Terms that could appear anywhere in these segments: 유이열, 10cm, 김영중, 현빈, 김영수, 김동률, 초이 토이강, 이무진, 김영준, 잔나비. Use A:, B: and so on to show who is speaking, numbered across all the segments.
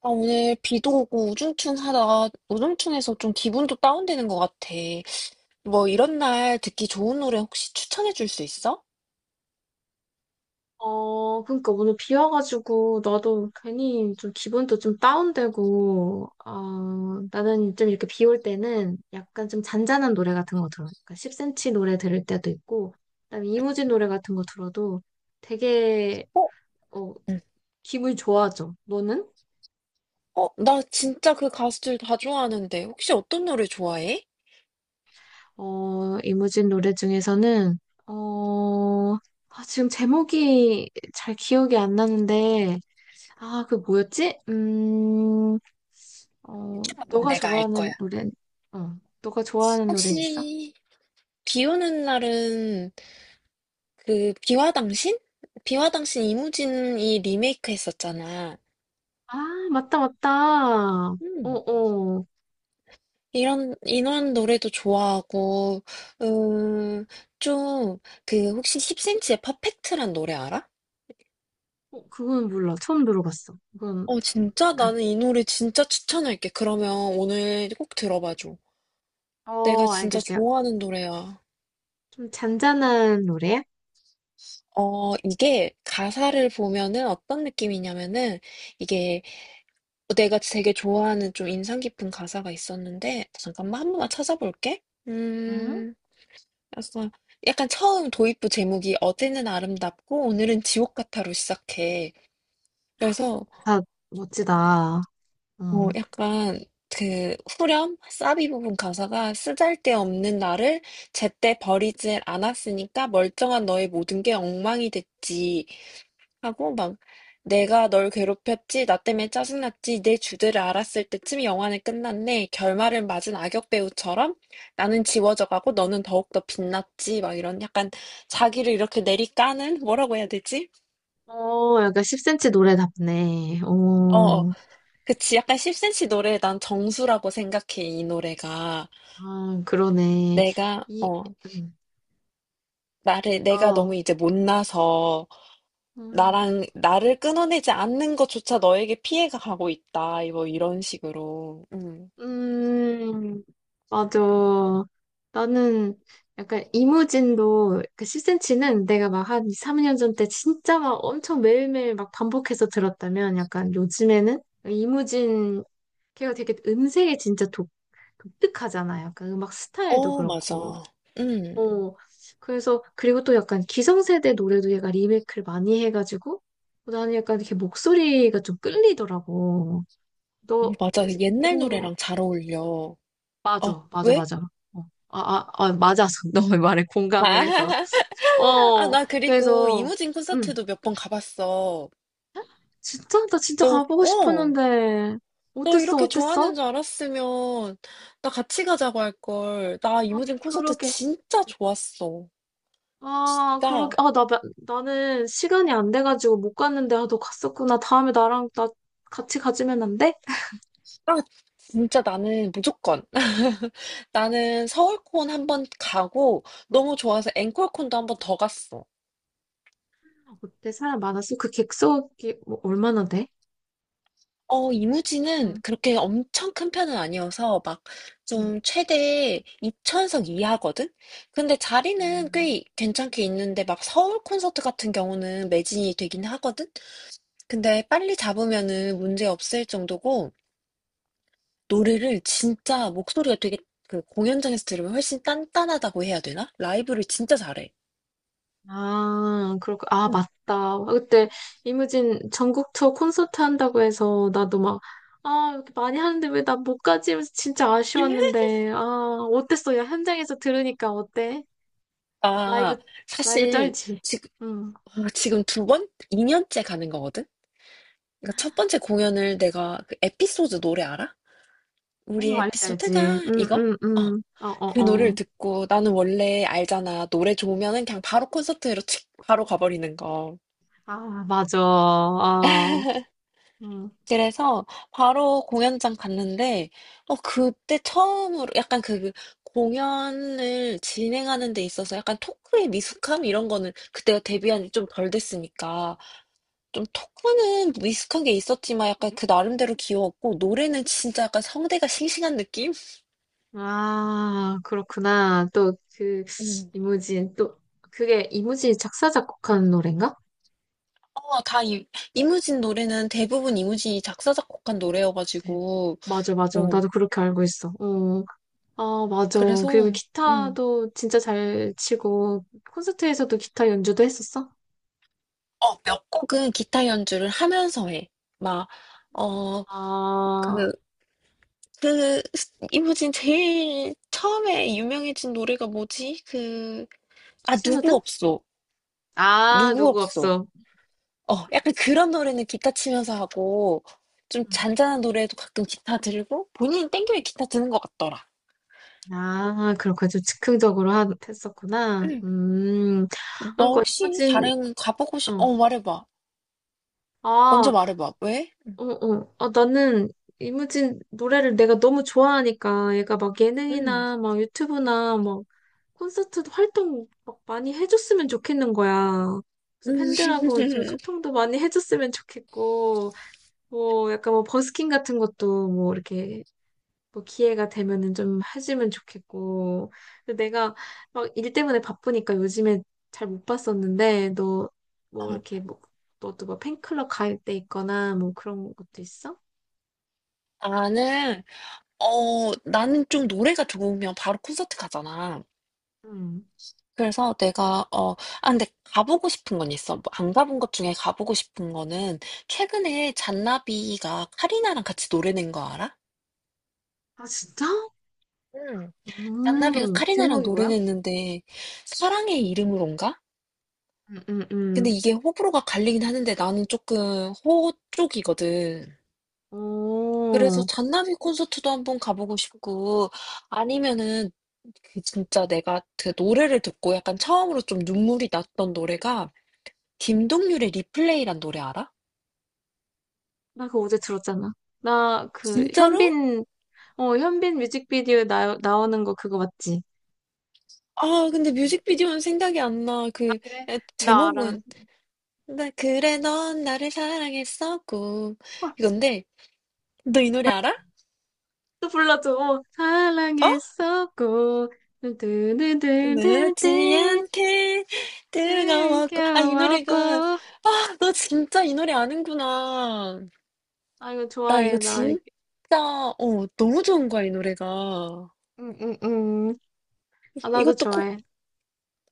A: 아, 오늘 비도 오고 우중충하다. 우중충해서 좀 기분도 다운되는 것 같아. 뭐 이런 날 듣기 좋은 노래 혹시 추천해 줄 수 있어?
B: 그러니까 오늘 비 와가지고 나도 괜히 좀 기분도 좀 다운되고, 나는 좀 이렇게 비 올 때는 약간 좀 잔잔한 노래 같은 거 들어. 그러니까 10cm 노래 들을 때도 있고, 그다음에 이무진 노래 같은 거 들어도 되게
A: 어?
B: 어,
A: 응.
B: 기분이 좋아져. 너는?
A: 어, 나 진짜 그 가수들 다 좋아하는데. 혹시 어떤 노래 좋아해?
B: 이무진 노래 중에서는 어, 지금 제목이 잘 기억이 안 나는데, 아, 그 뭐였지? 음.
A: 그럼
B: 너가
A: 내가 알 거야.
B: 좋아하는 노래, 너가 좋아하는 노래는 있어?
A: 혹시 비 오는 날은 그 비와 당신? 비와 당신 이무진이 리메이크 했었잖아.
B: 아, 맞다, 맞다. 어,
A: 음.
B: 어.
A: 이런, 이 노래도 좋아하고, 음, 좀, 그, 혹시 10cm의 퍼펙트란 노래 알아?
B: 어, 그건 몰라. 처음 들어봤어. 그건
A: 어, 진짜?
B: 약간,
A: 나는 이 노래 진짜 추천할게. 그러면 오늘 꼭 들어봐줘. 내가
B: 어,
A: 진짜
B: 알겠어요.
A: 좋아하는 노래야.
B: 좀 잔잔한 노래야?
A: 어, 이게 가사를 보면은 어떤 느낌이냐면은 이게 내가 되게 좋아하는 좀 인상 깊은 가사가 있었는데 잠깐만 한 번만 찾아볼게.
B: 응?
A: 음. 그래서 약간 처음 도입부 제목이 어제는 아름답고 오늘은 지옥 같아로 시작해. 그래서
B: 아, 멋지다. 응.
A: 약간 그 후렴 사비 부분 가사가 쓰잘데없는 나를 제때 버리질 않았으니까 멀쩡한 너의 모든 게 엉망이 됐지. 하고 막 내가 널 괴롭혔지, 나 때문에 짜증났지, 내 주제를 알았을 때쯤 영화는 끝났네. 결말을 맞은 악역 배우처럼 나는 지워져가고 너는 더욱더 빛났지. 막 이런 약간 자기를 이렇게 내리까는 뭐라고 해야 되지?
B: 어, 약간 10cm 노래답네.
A: 어, 어.
B: 어,
A: 그치. 약간 10cm 노래 난 정수라고 생각해, 이 노래가.
B: 아, 그러네.
A: 내가,
B: 이, 음,
A: 나를, 내가
B: 어,
A: 너무 이제 못나서 나랑, 나를 끊어내지 않는 것조차 너에게 피해가 가고 있다. 뭐 이런 식으로. 음.
B: 음, 맞아. 나는 약간 이무진도 그 10cm는 내가 막 한 2, 3년 전 때 진짜 막 엄청 매일매일 막 반복해서 들었다면 약간 요즘에는 이무진 걔가 되게 음색이 진짜 독특하잖아. 약간 음악 스타일도
A: 어, 맞아.
B: 그렇고.
A: 음,
B: 어, 그래서 그리고 또 약간 기성세대 노래도 얘가 리메이크를 많이 해가지고 나는 약간 이렇게 목소리가 좀 끌리더라고. 너
A: 맞아. 그 옛날
B: 이무
A: 노래랑 잘 어울려. 어,
B: 맞아, 맞아,
A: 왜?
B: 맞아. 어, 맞아서 너의 말에
A: 아,
B: 공감을 해서.
A: 아, 나 그리고
B: 그래서,
A: 이무진
B: 음,
A: 콘서트도 몇 번 가봤어.
B: 진짜, 나 진짜
A: 너,
B: 가보고
A: 어,
B: 싶었는데,
A: 너
B: 어땠어,
A: 이렇게 좋아하는
B: 어땠어?
A: 줄 알았으면 나 같이 가자고 할 걸. 나
B: 아,
A: 이무진 콘서트
B: 그러게.
A: 진짜 좋았어.
B: 아, 그러게.
A: 진짜,
B: 아, 나는 시간이 안 돼가지고 못 갔는데, 아, 너 갔었구나. 다음에 나 같이 가지면 안 돼?
A: 아, 진짜 나는 무조건. 나는 서울콘 한번 가고 너무 좋아서 앵콜콘도 한번 더 갔어.
B: 어때? 사람 많았어? 그 객석이 뭐 얼마나 돼?
A: 어 이무지는
B: 응.
A: 그렇게 엄청 큰 편은 아니어서 막 좀 최대 2,000석 이하거든? 근데 자리는
B: 음.
A: 꽤 괜찮게 있는데 막 서울 콘서트 같은 경우는 매진이 되긴 하거든? 근데 빨리 잡으면은 문제 없을 정도고 노래를 진짜 목소리가 되게 그 공연장에서 들으면 훨씬 단단하다고 해야 되나? 라이브를 진짜 잘해.
B: 아, 그렇고, 아,
A: 응.
B: 맞다. 그때 이무진 전국 투어 콘서트 한다고 해서 나도 막, 아, 이렇게 많이 하는데 왜 나 못 가지? 하면서 진짜 아쉬웠는데, 아, 어땠어? 야, 현장에서 들으니까 어때? 라이브,
A: 아,
B: 라이브
A: 사실
B: 쩔지?
A: 지금,
B: 응.
A: 지금 두 번? 2년째 가는 거거든? 그러니까 첫 번째 공연을 내가 그 에피소드 노래 알아? 우리
B: 어, 알지, 알지.
A: 에피소드가
B: 응,
A: 이거?
B: 응,
A: 어,
B: 응. 어,
A: 그
B: 어,
A: 노래를
B: 어.
A: 듣고 나는 원래 알잖아. 노래 좋으면은 그냥 바로 콘서트로 칙 바로 가버리는 거.
B: 아, 맞아. 아, 응.
A: 그래서 바로 공연장 갔는데, 어, 그때 처음으로 약간 그 공연을 진행하는 데 있어서 약간 토크의 미숙함 이런 거는 그때가 데뷔한 지 좀 덜 됐으니까 좀 토크는 미숙한 게 있었지만 약간 그 나름대로 귀여웠고 노래는 진짜 약간 성대가 싱싱한 느낌?
B: 아, 그렇구나. 또
A: 음.
B: 이무진, 그게 이무진이 작사, 작곡한 노래인가?
A: 어, 다 이무진 노래는 대부분 이무진이 작사, 작곡한
B: 그치.
A: 노래여가지고,
B: 맞아, 맞아.
A: 어,
B: 나도 그렇게 알고 있어. 어, 아, 맞아. 그리고
A: 그래서, 음.
B: 기타도 진짜 잘 치고, 콘서트에서도 기타 연주도 했었어?
A: 어, 몇 곡은 기타 연주를 하면서 해. 막, 어,
B: 아,
A: 그, 이무진 제일 처음에 유명해진 노래가 뭐지? 그, 아, 누구
B: 신호등?
A: 없어.
B: 아,
A: 누구
B: 누구
A: 없어.
B: 없어.
A: 어, 약간 그런 노래는 기타 치면서 하고, 좀
B: 음.
A: 잔잔한 노래도 가끔 기타 들고, 본인 땡겨에 기타 드는 것 같더라.
B: 아, 그렇구나. 좀 즉흥적으로 했었구나.
A: 너
B: 그러니까
A: 혹시
B: 이무진,
A: 다른
B: 어.
A: 말해봐. 먼저
B: 아,
A: 말해봐. 왜? 응.
B: 어, 어. 아, 나는 이무진 노래를 내가 너무 좋아하니까 얘가 막
A: 음.
B: 예능이나 막 유튜브나 막 콘서트 활동 막 많이 해줬으면 좋겠는 거야. 그래서
A: 음.
B: 팬들하고 좀 소통도 많이 해줬으면 좋겠고, 뭐 약간 뭐 버스킹 같은 것도 뭐 이렇게 뭐 기회가 되면은 좀 해주면 좋겠고. 근데 내가 막 일 때문에 바쁘니까 요즘에 잘 못 봤었는데, 너 뭐
A: 어,
B: 이렇게 뭐 너도 뭐 팬클럽 가입돼 있거나 뭐 그런 것도 있어?
A: 나는, 나는 좀 노래가 좋으면 바로 콘서트 가잖아.
B: 음.
A: 그래서 근데 가보고 싶은 건 있어. 뭐안 가본 것 중에 가보고 싶은 거는 최근에 잔나비가 카리나랑 같이 노래 낸 거 알아?
B: 아 진짜?
A: 응 잔나비가
B: 음.
A: 카리나랑
B: 제목이
A: 노래
B: 뭐야?
A: 냈는데 사랑의 이름으로인가?
B: 음, 음, 음.
A: 근데 이게 호불호가 갈리긴 하는데 나는 조금 호 쪽이거든. 그래서
B: 오.
A: 잔나비 콘서트도 한번 가보고 싶고, 아니면은, 그 진짜 내가 그 노래를 듣고 약간 처음으로 좀 눈물이 났던 노래가, 김동률의 리플레이란 노래 알아?
B: 나 그거 어제 들었잖아. 나 그
A: 진짜로?
B: 현빈, 현빈 뮤직비디오에 나오는 거 그거 맞지?
A: 아, 근데 뮤직비디오는 생각이 안 나.
B: 아,
A: 그,
B: 그래?
A: 에,
B: 나 알아.
A: 제목은, 나 그래, 넌 나를 사랑했었고.
B: 어,
A: 이건데, 너 이 노래 알아?
B: 또 불러줘.
A: 어?
B: 사랑했었고, 두두두두두,
A: 늦지 않게 뜨거웠고. 아, 이 노래가,
B: 느껴왔고.
A: 아, 너 진짜 이 노래 아는구나.
B: 아, 이거
A: 나 이거
B: 좋아해, 나.
A: 진짜 너무 좋은 거야 이 노래가.
B: 응, 응, 응. 아, 나도
A: 이것도 꼭
B: 좋아해.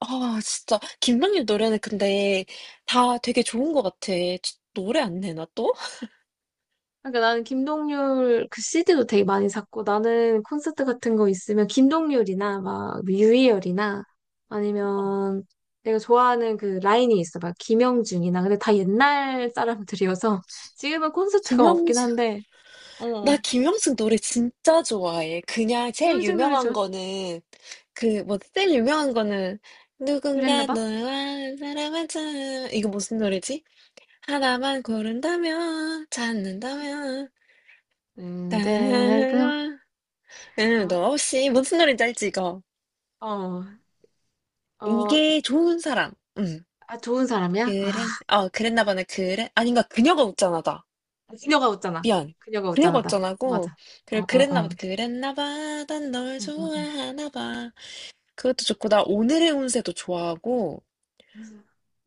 A: 아 진짜 김동률 노래는 근데 다 되게 좋은 것 같아. 노래 안 내나 또?
B: 아, 그러니까 나는 김동률 그 CD도 되게 많이 샀고 나는 콘서트 같은 거 있으면 김동률이나 막 유희열이나
A: 어.
B: 아니면 내가 좋아하는 그 라인이 있어 막 김영중이나 근데 다 옛날 사람들이어서 지금은 콘서트가 없긴
A: 김영수
B: 한데
A: 나
B: 어
A: 김영수 노래 진짜 좋아해. 그냥 제일
B: 김영중 노래
A: 유명한
B: 좋아
A: 거는 그뭐 제일 유명한 거는
B: 그랬나
A: 누군가
B: 봐?
A: 너와 사랑한 참 이거 무슨 노래지? 하나만 고른다면 찾는다면
B: 네,
A: 나 응,
B: 어,
A: 너 없이 무슨 노래인지 알지 이거?
B: 어, 어,
A: 이게 좋은 사람. 음.
B: 아, 좋은 사람이야? 아,
A: 그래. 어, 그랬나 보네. 그래. 아닌가. 그녀가 웃잖아다.
B: 그녀가 웃잖아.
A: 미안.
B: 그녀가 웃잖아,
A: 그녀가
B: 다
A: 웃잖아고.
B: 맞아. 어,
A: 그리고
B: 어,
A: 그랬나 보다.
B: 어.
A: 그랬나 봐. 난 널
B: 응, 응, 응.
A: 좋아하나 봐. 그것도 좋고 나 오늘의 운세도 좋아하고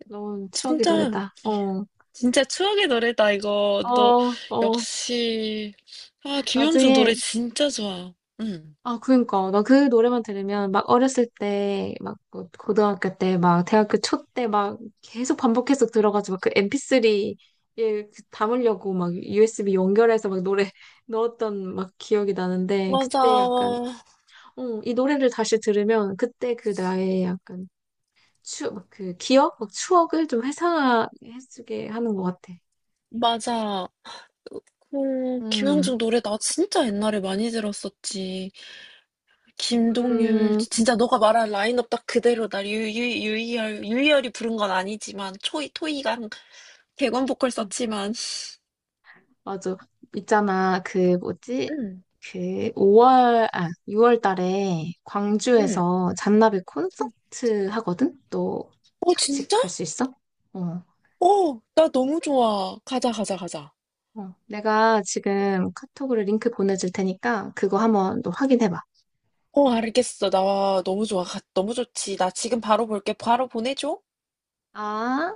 B: 너무 추억의
A: 진짜
B: 노래다. 어.
A: 진짜 추억의 노래다 이거. 너
B: 어, 어,
A: 역시 아, 김영준 노래
B: 나중에,
A: 진짜 좋아. 응.
B: 아, 그니까, 나 그 노래만 들으면, 막, 어렸을 때, 막, 뭐 고등학교 때, 막, 대학교 초 때, 막, 계속 반복해서 들어가지고, 그 MP3에 담으려고, 막, USB 연결해서, 막, 노래 넣었던, 막, 기억이 나는데,
A: 맞아.
B: 그때 약간, 이 노래를 다시 들으면, 그때 그 나의 약간, 막 그, 기억? 막, 추억을 좀 회상해주게 하는 것 같아.
A: 맞아. 어,
B: 음,
A: 김영중 노래 나 진짜 옛날에 많이 들었었지. 김동률
B: 음,
A: 진짜 너가 말한 라인업 딱 그대로다. 유유 유이열 유이열이 부른 건 아니지만 초이 토이강 객원 보컬 썼지만
B: 맞아. 있잖아, 그, 뭐지?
A: 응
B: 그, 5월, 아, 6월 달에
A: 응
B: 광주에서 잔나비 콘서트 하거든? 너
A: 어
B: 같이
A: 진짜?
B: 갈 수 있어? 어,
A: 어, 나 너무 좋아. 가자 가자 가자.
B: 어. 내가 지금 카톡으로 링크 보내줄 테니까 그거 한번 너 확인해봐.
A: 어 알겠어. 나 너무 좋아. 너무 좋지. 나 지금 바로 볼게. 바로 보내줘.
B: 아.